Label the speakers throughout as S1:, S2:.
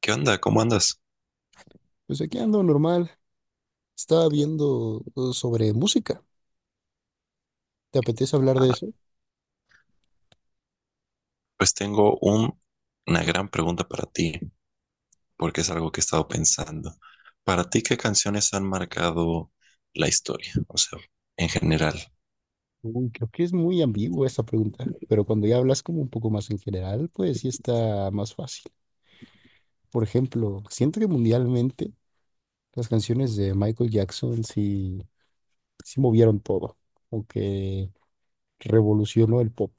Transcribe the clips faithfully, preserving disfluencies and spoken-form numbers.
S1: ¿Qué onda? ¿Cómo andas?
S2: Pues aquí ando normal. Estaba viendo eh, sobre música. ¿Te apetece hablar de
S1: Ah,
S2: eso?
S1: pues tengo un- una gran pregunta para ti, porque es algo que he estado pensando. Para ti, ¿qué canciones han marcado la historia? O sea, en general.
S2: Uy, creo que es muy ambigua esta pregunta, pero cuando ya hablas como un poco más en general, pues sí está más fácil. Por ejemplo, siento que mundialmente las canciones de Michael Jackson sí, sí movieron todo, aunque revolucionó el pop.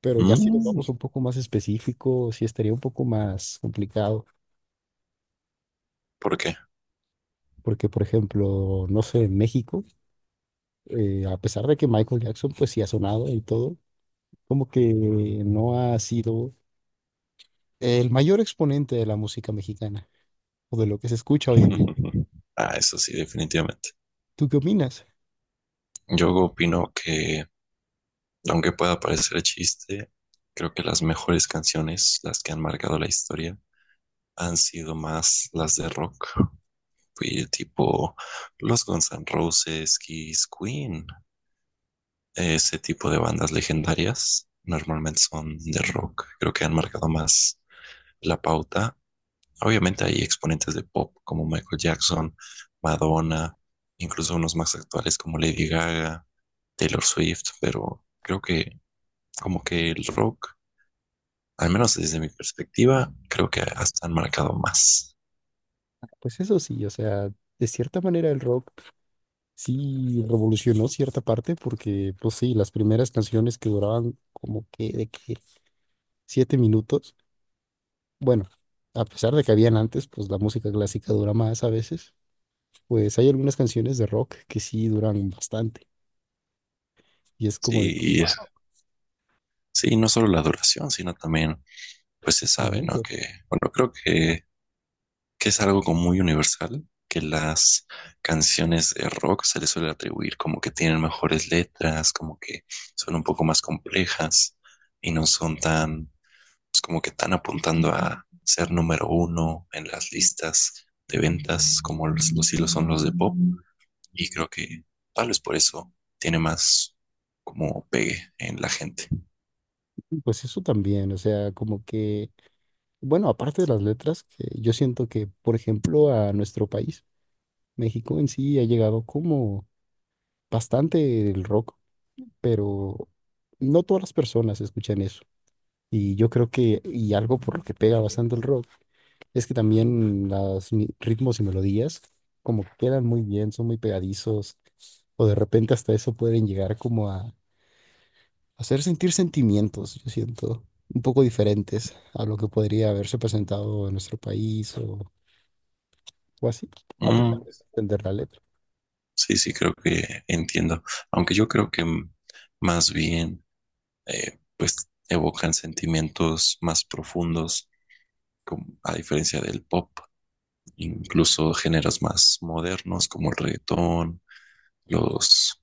S2: Pero ya si nos
S1: Mm,
S2: vamos un poco más específico, sí estaría un poco más complicado.
S1: ¿por qué?
S2: Porque, por ejemplo, no sé, en México, eh, a pesar de que Michael Jackson pues sí ha sonado y todo, como que no ha sido el mayor exponente de la música mexicana o de lo que se escucha hoy en día.
S1: Ah, eso sí, definitivamente.
S2: ¿Tú qué opinas?
S1: Yo opino que, aunque pueda parecer chiste, creo que las mejores canciones, las que han marcado la historia, han sido más las de rock. Fui tipo los Guns N' Roses, Kiss, Queen. Ese tipo de bandas legendarias normalmente son de rock. Creo que han marcado más la pauta. Obviamente hay exponentes de pop como Michael Jackson, Madonna, incluso unos más actuales como Lady Gaga, Taylor Swift, pero creo que como que el rock, al menos desde mi perspectiva, creo que hasta han marcado más.
S2: Pues eso sí, o sea, de cierta manera el rock sí revolucionó cierta parte porque, pues sí, las primeras canciones que duraban como que de que siete minutos, bueno, a pesar de que habían antes, pues la música clásica dura más a veces, pues hay algunas canciones de rock que sí duran bastante. Y es como de que
S1: Sí, y es-
S2: wow,
S1: sí, no solo la duración, sino también, pues se sabe, ¿no? Que, bueno, creo que que es algo como muy universal, que las canciones de rock se les suele atribuir como que tienen mejores letras, como que son un poco más complejas y no son tan, pues, como que tan apuntando a ser número uno en las listas de ventas como los, los hilos son los de pop. Y creo que tal vez por eso tiene más como pegue en la gente.
S2: pues eso también, o sea, como que bueno, aparte de las letras, que yo siento que, por ejemplo, a nuestro país, México en sí, ha llegado como bastante el rock, pero no todas las personas escuchan eso. Y yo creo que, y algo por lo que pega bastante el rock, es que también los ritmos y melodías como que quedan muy bien, son muy pegadizos, o de repente hasta eso pueden llegar como a hacer sentir sentimientos, yo siento, un poco diferentes a lo que podría haberse presentado en nuestro país o o así, a pesar
S1: Mm,
S2: de no entender la letra.
S1: sí, sí, creo que entiendo. Aunque yo creo que mm, más bien eh, pues evocan sentimientos más profundos, como, a diferencia del pop, incluso géneros más modernos como el reggaetón, los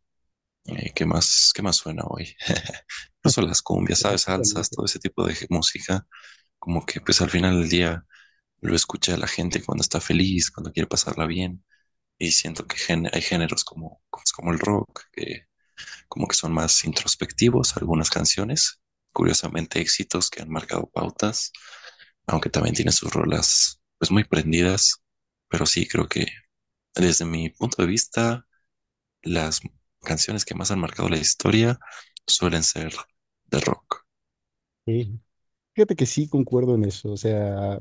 S1: eh, ¿qué más, qué más suena hoy? Incluso las cumbias, ¿sabes? Salsas,
S2: Obviamente.
S1: todo ese tipo de música, como que pues al final del día lo escucha la gente cuando está feliz, cuando quiere pasarla bien. Y siento que gen- hay géneros como, pues, como el rock, que como que son más introspectivos algunas canciones, curiosamente éxitos que han marcado pautas, aunque también tiene sus rolas pues muy prendidas, pero sí creo que desde mi punto de vista las canciones que más han marcado la historia suelen ser de rock.
S2: Sí. Fíjate que sí concuerdo en eso, o sea,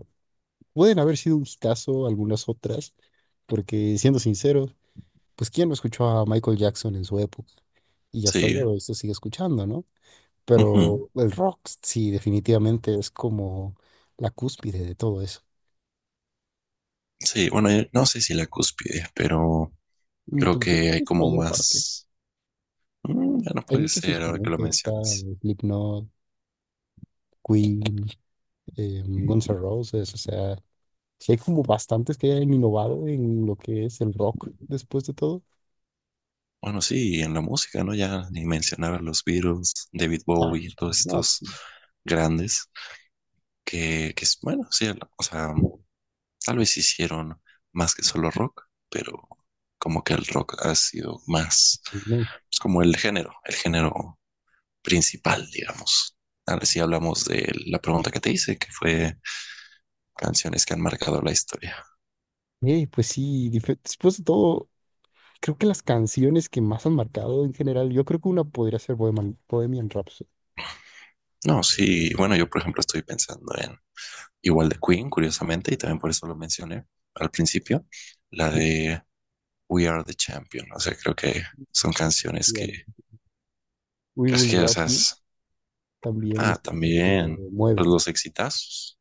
S2: pueden haber sido un caso algunas otras, porque siendo sinceros, pues quién no escuchó a Michael Jackson en su época y hasta el
S1: Sí,
S2: día de hoy se sigue escuchando, ¿no? Pero
S1: ujú.
S2: el rock sí definitivamente es como la cúspide de todo eso.
S1: Sí, bueno, eh, no sé si la cúspide, pero
S2: Mm,
S1: creo
S2: pues yo creo
S1: que
S2: que
S1: hay
S2: es
S1: como
S2: mayor parte.
S1: más... Mm, ya no
S2: Hay
S1: puede
S2: muchos
S1: ser ahora que lo
S2: exponentes, está
S1: mencionas.
S2: Slipknot, Queen, eh, Guns N' Roses, o sea, sí, hay como bastantes que hayan innovado en lo que es el rock después de todo.
S1: Bueno, sí, y en la música, ¿no? Ya ni mencionar a los Beatles, David
S2: Ah,
S1: Bowie, todos
S2: no, pues
S1: estos
S2: sí,
S1: grandes que, que es- bueno, sí, o sea, tal vez hicieron más que solo rock, pero como que el rock ha sido más,
S2: pues no.
S1: pues como el género, el género principal, digamos. Ahora sí hablamos de la pregunta que te hice, que fue canciones que han marcado la historia.
S2: Eh, pues sí, dife- después de todo, creo que las canciones que más han marcado en general, yo creo que una podría ser Bohemian, Bohemian Rhapsody.
S1: No, sí, bueno, yo por ejemplo estoy pensando. Igual de Queen, curiosamente, y también por eso lo mencioné al principio, la de We Are the Champion. O sea, creo que son canciones
S2: Digamos.
S1: que,
S2: We
S1: que es
S2: Will
S1: que, o
S2: Rock
S1: sea,
S2: You
S1: es-
S2: también
S1: ah,
S2: es otra que
S1: también, pues
S2: mueve,
S1: los exitazos.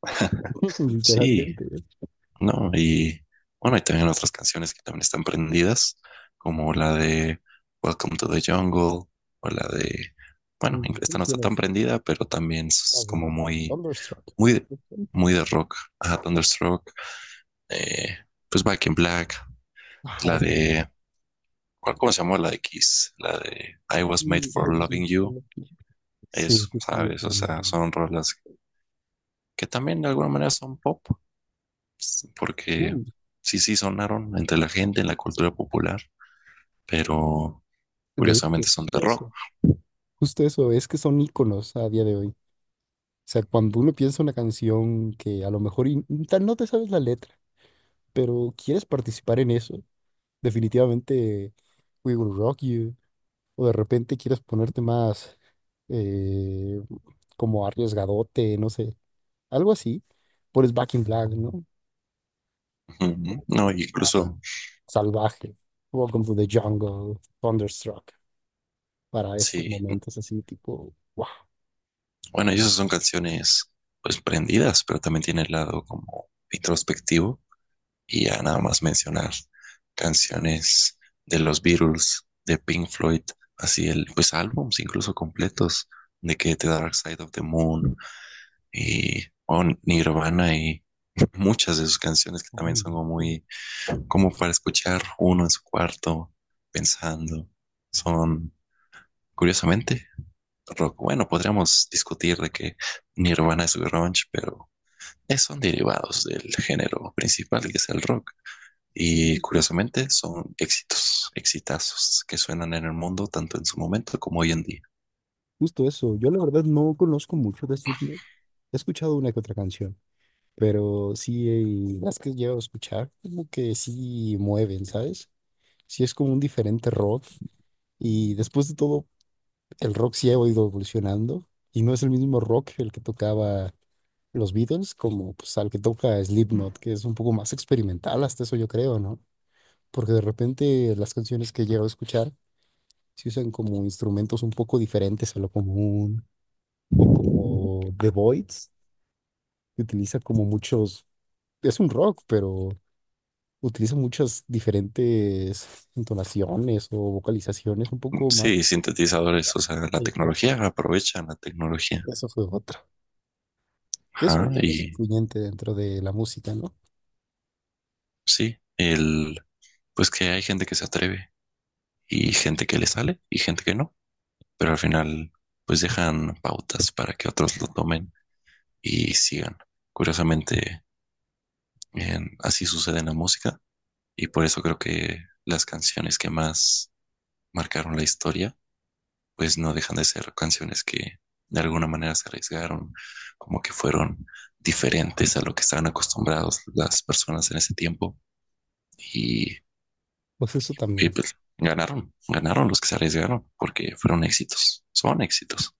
S1: Sí,
S2: literalmente. ¿Eh?
S1: no, y bueno, y también otras canciones que también están prendidas, como la de Welcome to the Jungle, o la de, bueno,
S2: Mm,
S1: esta
S2: ¿cómo
S1: no
S2: se
S1: está
S2: llama
S1: tan
S2: esta?
S1: prendida, pero también
S2: La
S1: es
S2: de
S1: como muy,
S2: Thunderstruck.
S1: muy, muy de rock. Ajá, Thunderstruck, eh, pues Back in Black. La
S2: Ajá, que-
S1: de, ¿cuál, cómo se llama? La de Kiss, la de I Was Made
S2: Mm, I
S1: for
S2: was
S1: Loving
S2: made for
S1: You.
S2: loving you.
S1: Eso,
S2: Sí, sí, sí. Es
S1: ¿sabes? O
S2: muy
S1: sea,
S2: bueno.
S1: son rolas que también de alguna manera son pop, porque
S2: Mm,
S1: sí, sí sonaron entre la gente, en la cultura popular, pero
S2: de hecho,
S1: curiosamente son
S2: justo
S1: de rock.
S2: eso. Justo eso, es que son íconos a día de hoy. O sea, cuando uno piensa una canción que a lo mejor y- tal no te sabes la letra, pero quieres participar en eso, definitivamente We Will Rock You, o de repente quieres ponerte más eh, como arriesgadote, no sé, algo así, pones Back in Black, ¿no?
S1: Ujú. No,
S2: Más
S1: incluso,
S2: salvaje, Welcome to the Jungle, Thunderstruck, para estos
S1: sí,
S2: momentos así tipo, wow,
S1: bueno, y esas son canciones pues prendidas, pero también tiene el lado como introspectivo. Y ya nada más mencionar canciones de los Beatles, de Pink Floyd, así el, pues álbums incluso completos, de que The Dark Side of the Moon y oh, Nirvana y muchas de sus canciones que también son como muy, como para escuchar uno en su cuarto pensando. Son, curiosamente, rock. Bueno, podríamos discutir de que Nirvana es grunge, pero eh, son derivados del género principal que es el rock. Y curiosamente son éxitos, exitazos que suenan en el mundo tanto en su momento como hoy en día.
S2: justo eso, yo la verdad no conozco mucho de Slipknot. He escuchado una que otra canción, pero sí, eh, las que llevo a escuchar, como que sí mueven, ¿sabes? Sí es como un diferente rock. Y después de todo, el rock sí ha ido evolucionando y no es el mismo rock el que tocaba los Beatles como pues al que toca Slipknot, que es un poco más experimental, hasta eso yo creo, ¿no? Porque de repente las canciones que llevo a escuchar se usan como instrumentos un poco diferentes a lo común. O como The Voids, que utiliza como muchos, es un rock, pero utiliza muchas diferentes entonaciones o vocalizaciones un poco más.
S1: Sí, sintetizadores, o sea, la
S2: Exacto.
S1: tecnología, aprovechan la tecnología.
S2: Eso fue otra. Que es
S1: Ajá,
S2: otra cosa
S1: y
S2: influyente dentro de la música, ¿no?
S1: sí, el, pues que hay gente que se atreve y gente que le sale y gente que no, pero al final pues dejan pautas para que otros lo tomen y sigan. Curiosamente, en- así sucede en la música y por eso creo que las canciones que más marcaron la historia pues no dejan de ser canciones que de alguna manera se arriesgaron, como que fueron diferentes a lo que estaban acostumbrados las personas en ese tiempo y,
S2: Pues eso
S1: y
S2: también.
S1: pues ganaron, ganaron los que se arriesgaron porque fueron éxitos, son éxitos.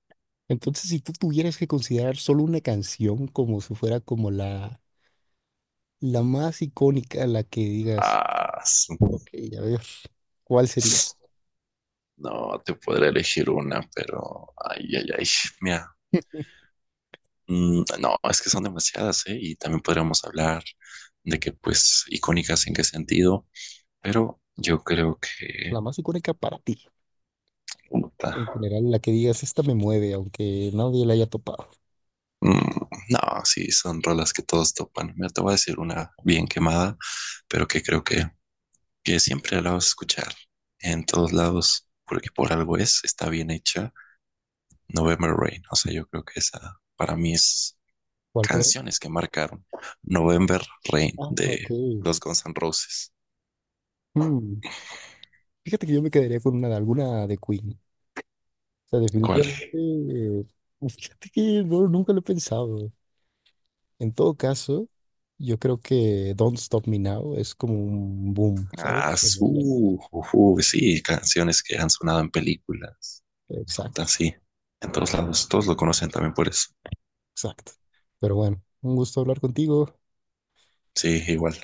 S2: Entonces, si tú tuvieras que considerar solo una canción como si fuera como la, la más icónica, la que digas,
S1: Ah, sí.
S2: ok, a ver, ¿cuál sería?
S1: No te podré elegir una, pero ay, ay, ay, mira, mm, no, es que son demasiadas, ¿eh? Y también podríamos hablar de que, pues, icónicas en qué sentido, pero yo creo que
S2: La más icónica para ti.
S1: puta,
S2: En general, la que digas, esta me mueve, aunque nadie la haya topado.
S1: mm, no, sí, son rolas que todos topan. Mira, te voy a decir una bien quemada, pero que creo que, que siempre la vas a escuchar en todos lados, porque por algo es, está bien hecha. November Rain, o sea, yo creo que esa para mí es
S2: ¿Cuál?
S1: canciones que marcaron. November Rain
S2: Ah, ok.
S1: de los Guns N' Roses.
S2: Mm. Fíjate que yo me quedaría con una alguna de Queen. O sea,
S1: ¿Cuál?
S2: definitivamente. eh, pues, fíjate que no, nunca lo he pensado. En todo caso, yo creo que Don't Stop Me Now es como un boom, ¿sabes?
S1: Ah,
S2: De emoción.
S1: su, ujú, sí, canciones que han sonado en películas. Puta,
S2: Exacto,
S1: sí, en todos lados, todos lo conocen también por eso.
S2: exacto. Pero bueno, un gusto hablar contigo.
S1: Sí, igual.